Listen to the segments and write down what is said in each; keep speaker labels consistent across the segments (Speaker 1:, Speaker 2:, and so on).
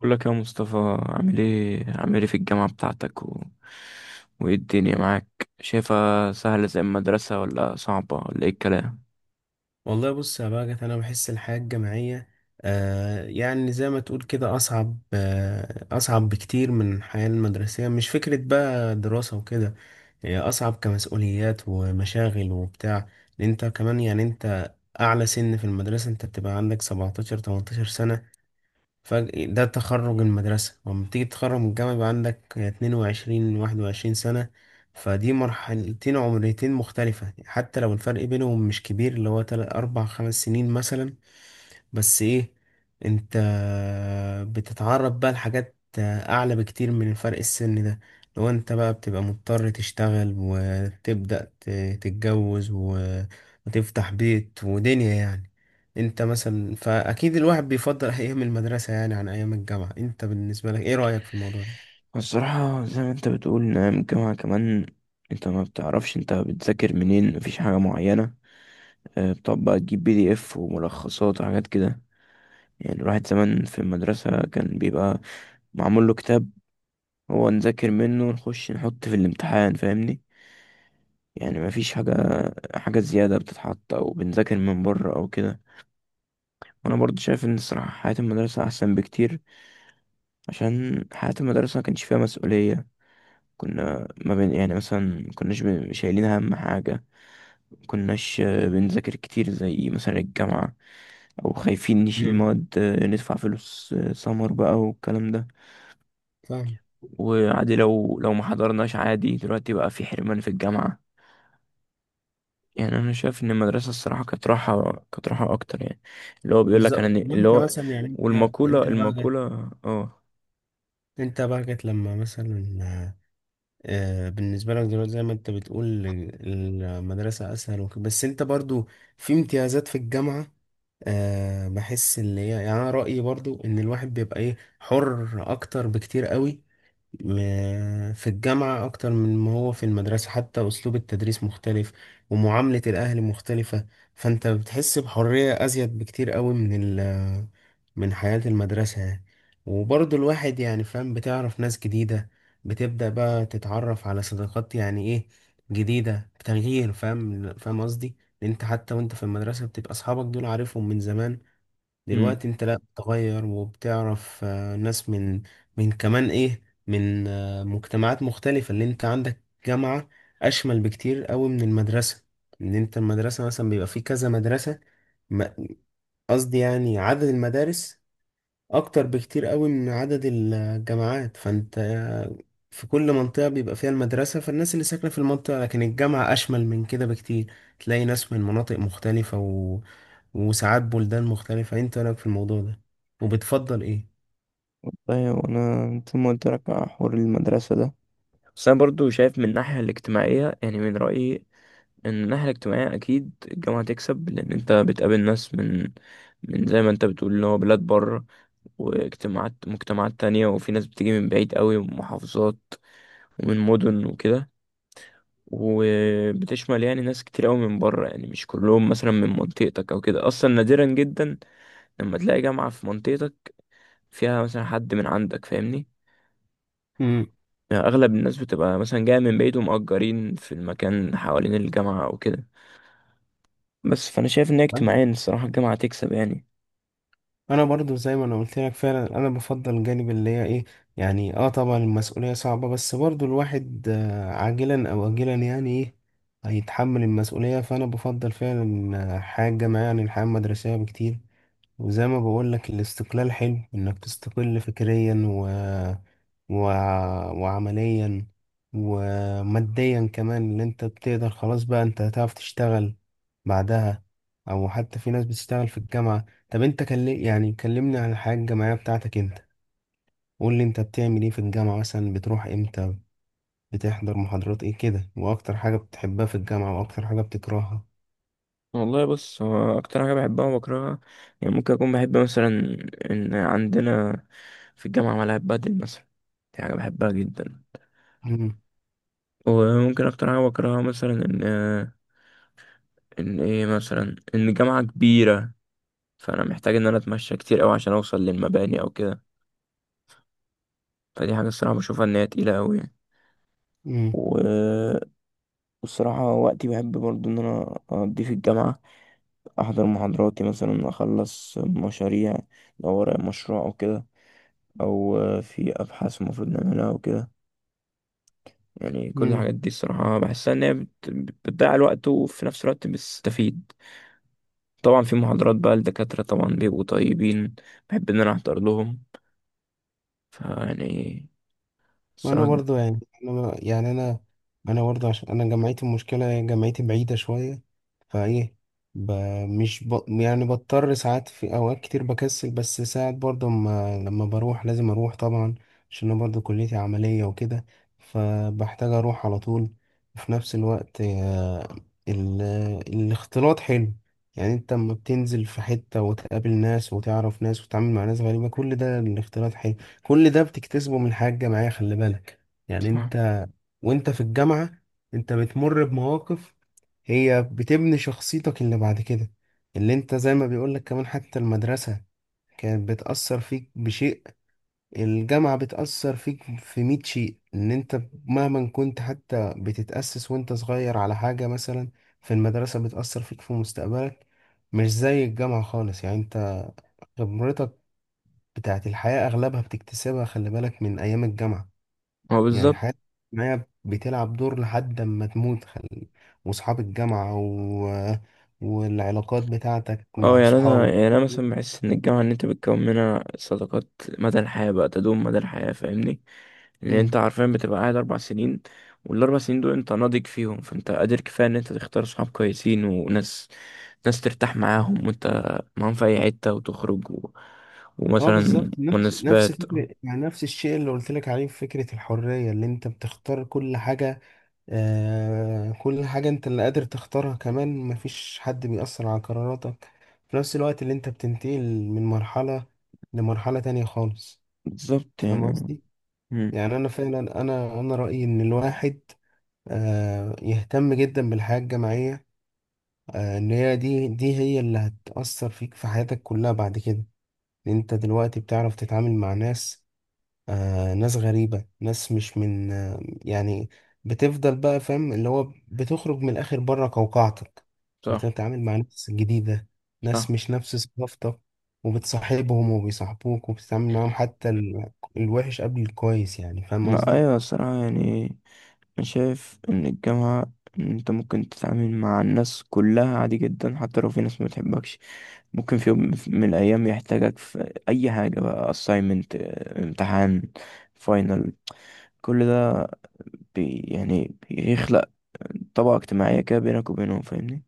Speaker 1: بقول لك يا مصطفى، عامل ايه في الجامعة بتاعتك وايه الدنيا معاك؟ شايفها سهلة زي المدرسة ولا صعبة ولا ايه الكلام؟
Speaker 2: والله بص يا باجت انا بحس الحياه الجامعيه يعني زي ما تقول كده اصعب، اصعب بكتير من الحياه المدرسيه. مش فكره بقى دراسه وكده، هي اصعب كمسؤوليات ومشاغل وبتاع. لأن انت كمان، يعني اعلى سن في المدرسه انت بتبقى عندك 17 18 سنه، فجأة ده تخرج المدرسة. ولما تيجي تتخرج من الجامعة يبقى عندك 22 21 سنة. فدي مرحلتين عمريتين مختلفة حتى لو الفرق بينهم مش كبير، اللي هو 3 4 5 سنين مثلا. بس ايه، انت بتتعرض بقى لحاجات اعلى بكتير من الفرق السن ده، لو انت بقى بتبقى مضطر تشتغل وتبدأ تتجوز وتفتح بيت ودنيا يعني. انت مثلا، فاكيد الواحد بيفضل ايام المدرسة يعني عن ايام الجامعة. انت بالنسبة لك ايه رأيك في الموضوع ده؟
Speaker 1: الصراحة زي ما انت بتقول، نعم. الجامعة كمان انت ما بتعرفش انت بتذاكر منين، مفيش حاجة معينة. اه، بتقعد بقى تجيب بي دي اف وملخصات وحاجات كده. يعني الواحد زمان في المدرسة كان بيبقى معمول له كتاب، هو نذاكر منه ونخش نحط في الامتحان، فاهمني؟ يعني ما فيش حاجة زيادة بتتحط أو بنذاكر من بره أو كده. وأنا برضو شايف إن الصراحة حياة المدرسة أحسن بكتير، عشان حياة المدرسة ما كانش فيها مسؤولية. كنا ما بين يعني مثلا ما كناش شايلين هم حاجة. ما كناش بنذاكر كتير زي مثلا الجامعة، أو خايفين نشيل
Speaker 2: امم،
Speaker 1: مواد، ندفع فلوس، سمر بقى والكلام ده.
Speaker 2: فاهم.
Speaker 1: وعادي لو ما حضرناش، عادي. دلوقتي بقى في حرمان في الجامعة. يعني انا شايف ان المدرسه الصراحه كانت راحه، كانت راحه اكتر يعني. اللي هو بيقول لك انا
Speaker 2: بالظبط.
Speaker 1: اللي
Speaker 2: وانت
Speaker 1: هو
Speaker 2: مثلا يعني انت
Speaker 1: والمقوله،
Speaker 2: انت بقى جت،
Speaker 1: اه.
Speaker 2: انت بقى جت لما مثلا بالنسبة لك دلوقتي زي ما انت بتقول المدرسة أسهل وكده. بس انت برضو في امتيازات في الجامعة. أه بحس اللي هي يعني، أنا رأيي برضو إن الواحد بيبقى إيه، حر أكتر بكتير قوي في الجامعة أكتر من ما هو في المدرسة. حتى أسلوب التدريس مختلف ومعاملة الأهل مختلفة. فأنت بتحس بحرية أزيد بكتير قوي من من حياة المدرسة يعني. وبرضه الواحد يعني فاهم، بتعرف ناس جديدة، بتبدأ بقى تتعرف على صداقات يعني إيه، جديدة بتغيير. فاهم فاهم قصدي؟ لأن أنت حتى وأنت في المدرسة بتبقى أصحابك دول عارفهم من زمان.
Speaker 1: امم،
Speaker 2: دلوقتي انت لا، بتغير وبتعرف ناس من، من كمان ايه، من مجتمعات مختلفة. اللي انت عندك جامعة اشمل بكتير قوي من المدرسة. ان انت المدرسة مثلا بيبقى فيه كذا مدرسة، م- قصدي يعني عدد المدارس اكتر بكتير قوي من عدد الجامعات. فانت في كل منطقة بيبقى فيها المدرسة فالناس اللي ساكنة في المنطقة، لكن الجامعة اشمل من كده بكتير. تلاقي ناس من مناطق مختلفة وساعات بلدان مختلفة. انت رأيك في الموضوع ده؟ وبتفضل ايه؟
Speaker 1: طيب انا زي ما قلت لك على حوار المدرسه ده، بس انا برضو شايف من الناحيه الاجتماعيه يعني من رايي ان الناحيه الاجتماعيه اكيد الجامعه تكسب، لان انت بتقابل ناس من زي ما انت بتقول اللي هو بلاد بره مجتمعات تانية، وفي ناس بتيجي من بعيد قوي، ومحافظات ومن مدن وكده. وبتشمل يعني ناس كتير قوي من بره، يعني مش كلهم مثلا من منطقتك او كده. اصلا نادرا جدا لما تلاقي جامعة في منطقتك فيها مثلا حد من عندك، فاهمني؟
Speaker 2: مم.
Speaker 1: يعني اغلب الناس بتبقى مثلا جاية من بعيد ومأجرين في المكان حوالين الجامعة او كده. بس فانا شايف ان هي اجتماعيا الصراحة الجامعة تكسب يعني.
Speaker 2: انا برضو زي ما انا قلت لك فعلا، انا بفضل الجانب اللي هي ايه، يعني اه طبعا المسؤولية صعبة، بس برضو الواحد عاجلا او اجلا يعني ايه، هيتحمل المسؤولية. فانا بفضل فعلا حياة جامعية عن الحياة المدرسية بكتير. وزي ما بقول لك، الاستقلال حلو انك تستقل فكريا و... وعمليا وماديا كمان. اللي انت بتقدر، خلاص بقى انت هتعرف تشتغل بعدها، او حتى في ناس بتشتغل في الجامعة. طب انت يعني كلمني عن الحياة الجامعية بتاعتك انت. قول لي انت بتعمل ايه في الجامعة، مثلا بتروح امتى، بتحضر محاضرات ايه كده، واكتر حاجة بتحبها في الجامعة واكتر حاجة بتكرهها؟
Speaker 1: والله بص، هو اكتر حاجة بحبها وبكرهها، يعني ممكن اكون بحب مثلا ان عندنا في الجامعة ملاعب بدل مثلا. دي حاجة بحبها جدا. وممكن اكتر حاجة بكرهها مثلا ان ان ايه مثلا ان الجامعة كبيرة، فانا محتاج ان انا اتمشى كتير قوي عشان اوصل للمباني او كده. فدي حاجة الصراحة بشوفها ان هي تقيلة قوي يعني.
Speaker 2: امم.
Speaker 1: و- والصراحة وقتي بحب برضو ان انا اقضيه في الجامعة، احضر محاضراتي، مثلا اخلص مشاريع لو ورايا مشروع او كده، او في ابحاث المفروض نعملها او كده. يعني كل الحاجات دي الصراحة بحسها ان هي بتضيع الوقت وفي نفس الوقت بتستفيد. طبعا في محاضرات بقى الدكاترة طبعا بيبقوا طيبين، بحب ان انا احضر لهم، فيعني
Speaker 2: انا
Speaker 1: الصراحة.
Speaker 2: برضو يعني انا ما- يعني انا انا برضو عشان انا جامعتي، المشكله هي جامعتي بعيده شويه. فايه، ب... مش ب... يعني بضطر ساعات، في اوقات كتير بكسل، بس ساعات برضو ما... لما بروح لازم اروح طبعا، عشان انا برضو كليتي عمليه وكده، فبحتاج اروح على طول. وفي نفس الوقت ال... الاختلاط حلو. يعني انت لما بتنزل في حته وتقابل ناس وتعرف ناس وتتعامل مع ناس غريبه، كل ده الاختلاط حلو، كل ده بتكتسبه من حاجة جماعية. خلي بالك يعني،
Speaker 1: بصراحة
Speaker 2: وانت في الجامعة انت بتمر بمواقف هي بتبني شخصيتك اللي بعد كده. اللي انت زي ما بيقولك، كمان حتى المدرسة كانت بتأثر فيك بشيء، الجامعة بتأثر فيك في 100 شيء. ان انت مهما كنت حتى بتتأسس وانت صغير على حاجة مثلا في المدرسة، بتأثر فيك في مستقبلك، مش زي الجامعة خالص. يعني انت خبرتك بتاعت الحياة أغلبها بتكتسبها، خلي بالك، من أيام الجامعة.
Speaker 1: هو
Speaker 2: يعني
Speaker 1: بالظبط.
Speaker 2: حياتك معايا بتلعب دور لحد ما تموت وصحاب الجامعة والعلاقات بتاعتك
Speaker 1: اه
Speaker 2: مع
Speaker 1: يعني انا
Speaker 2: صحابك.
Speaker 1: يعني انا مثلا بحس ان الجامعة ان انت بتكون منها صداقات مدى الحياة، بقى تدوم مدى الحياة، فاهمني؟ لان انت
Speaker 2: امم.
Speaker 1: عارفيا بتبقى قاعد اربع سنين، والاربع سنين دول انت ناضج فيهم، فانت قادر كفاية ان انت تختار صحاب كويسين وناس، ناس ترتاح معاهم وانت معاهم في اي حتة، وتخرج
Speaker 2: اه
Speaker 1: ومثلا
Speaker 2: بالظبط، نفس
Speaker 1: مناسبات.
Speaker 2: فكرة، يعني نفس الشيء اللي قلت لك عليه في فكرة الحرية، اللي انت بتختار كل حاجة. آه كل حاجة انت اللي قادر تختارها، كمان مفيش حد بيأثر على قراراتك. في نفس الوقت اللي انت بتنتقل من مرحلة لمرحلة تانية خالص.
Speaker 1: بالظبط
Speaker 2: فاهم
Speaker 1: يعني.
Speaker 2: قصدي؟
Speaker 1: مم.
Speaker 2: يعني انا فعلا انا رأيي ان الواحد يهتم جدا بالحياة الجماعية. ان هي دي هي اللي هتأثر فيك في حياتك كلها بعد كده. إن انت دلوقتي بتعرف تتعامل مع ناس، ناس غريبة، ناس مش من يعني، بتفضل بقى فاهم، اللي هو بتخرج من الآخر بره قوقعتك.
Speaker 1: صح.
Speaker 2: بتتعامل مع ناس جديدة، ناس
Speaker 1: صح.
Speaker 2: مش نفس ثقافتك، وبتصاحبهم وبيصاحبوك وبتتعامل معاهم حتى الوحش قبل الكويس. يعني فاهم
Speaker 1: لا،
Speaker 2: قصدي؟
Speaker 1: ايوه. الصراحة يعني أنا شايف إن الجامعة، إن أنت ممكن تتعامل مع الناس كلها عادي جدا، حتى لو في ناس ما بتحبكش ممكن في يوم من الأيام يحتاجك في أي حاجة بقى، assignment، امتحان، final، كل ده بي يعني بيخلق طبقة اجتماعية كده بينك وبينهم، فاهمني؟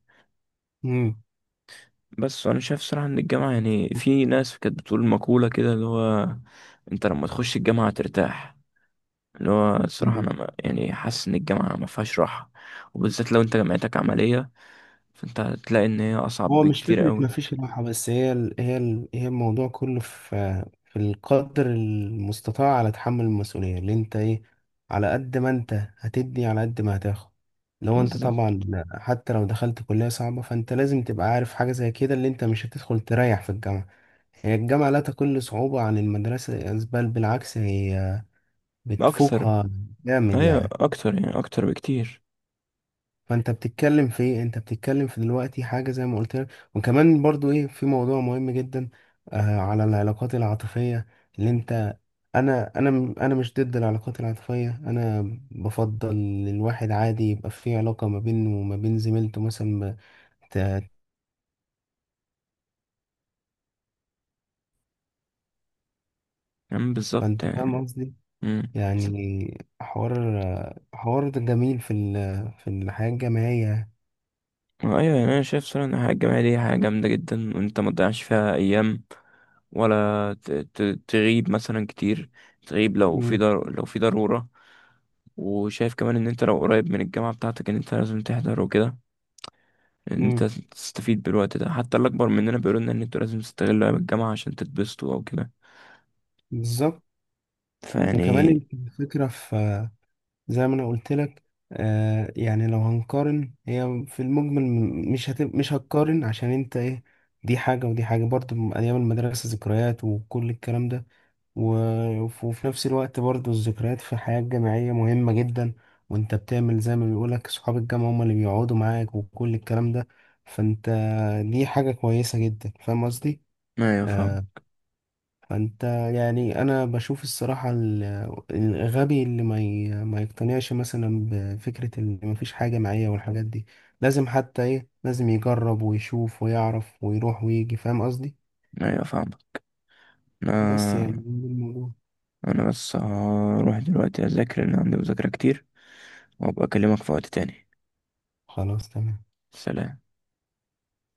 Speaker 1: بس أنا شايف صراحة إن الجامعة يعني في ناس كانت بتقول مقولة كده، اللي هو أنت لما تخش الجامعة ترتاح. اللي هو الصراحة
Speaker 2: مم.
Speaker 1: أنا يعني حاسس إن الجامعة ما فيهاش راحة، وبالذات لو أنت جامعتك عملية، فانت هتلاقي ان هي اصعب
Speaker 2: هو مش
Speaker 1: بكتير
Speaker 2: فكرة
Speaker 1: قوي.
Speaker 2: مفيش راحة، بس هي هي الموضوع كله في في القدر المستطاع على تحمل المسؤولية. اللي انت ايه، على قد ما انت هتدي على قد ما هتاخد. لو انت
Speaker 1: بالظبط.
Speaker 2: طبعا حتى لو دخلت كلية صعبة، فانت لازم تبقى عارف حاجة زي كده، اللي انت مش هتدخل تريح في الجامعة. هي الجامعة لا تقل صعوبة عن المدرسة، بل بالعكس هي
Speaker 1: اكثر.
Speaker 2: بتفوقها، جامد
Speaker 1: ايوه
Speaker 2: يعني.
Speaker 1: اكتر يعني، اكتر بكتير.
Speaker 2: فانت بتتكلم في ايه، انت بتتكلم في دلوقتي حاجه زي ما قلت لك. وكمان برضو ايه، في موضوع مهم جدا على العلاقات العاطفيه، اللي انت انا مش ضد العلاقات العاطفيه. انا بفضل الواحد عادي يبقى في علاقه ما بينه وما بين زميلته مثلا ما ت-
Speaker 1: يعني بالظبط
Speaker 2: فانت فاهم
Speaker 1: يعني.
Speaker 2: قصدي.
Speaker 1: امم.
Speaker 2: يعني حوار ده جميل في في الحياه الجامعيه.
Speaker 1: ايوه يعني انا شايف صراحه ان الحياه الجامعيه دي حاجه جامده جدا، وانت ما تضيعش فيها ايام، ولا تغيب مثلا كتير. تغيب لو في لو في ضروره. وشايف كمان ان انت لو قريب من الجامعه بتاعتك ان انت لازم تحضر وكده، ان انت
Speaker 2: امم،
Speaker 1: تستفيد بالوقت ده. حتى الاكبر مننا بيقولوا لنا ان انتوا لازم تستغلوا ايام الجامعه عشان تتبسطوا او كده.
Speaker 2: بالظبط. وكمان
Speaker 1: فيعني
Speaker 2: الفكره في، زي ما انا قلت لك، يعني لو هنقارن، هي في المجمل مش هتقارن، عشان انت ايه، دي حاجة ودي حاجة، برضه من أيام المدرسة ذكريات وكل الكلام ده. و... وفي نفس الوقت برضه الذكريات في الحياة الجامعية مهمة جدا، وانت بتعمل زي ما بيقولك صحاب الجامعة هم اللي بيقعدوا معاك وكل الكلام ده. فانت دي حاجة كويسة جدا. فاهم قصدي؟
Speaker 1: ما يفهم.
Speaker 2: آه، فانت، يعني انا بشوف الصراحة الغبي اللي ما يقتنعش مثلا بفكرة اللي ما فيش حاجة معايا والحاجات دي، لازم حتى ايه، لازم يجرب ويشوف ويعرف ويروح ويجي. فاهم قصدي؟
Speaker 1: ايوه فاهمك.
Speaker 2: بس يعني
Speaker 1: انا
Speaker 2: ده الموضوع.
Speaker 1: انا بس هروح دلوقتي اذاكر لان عندي مذاكرة كتير، وابقى اكلمك في وقت تاني.
Speaker 2: خلاص تمام.
Speaker 1: سلام.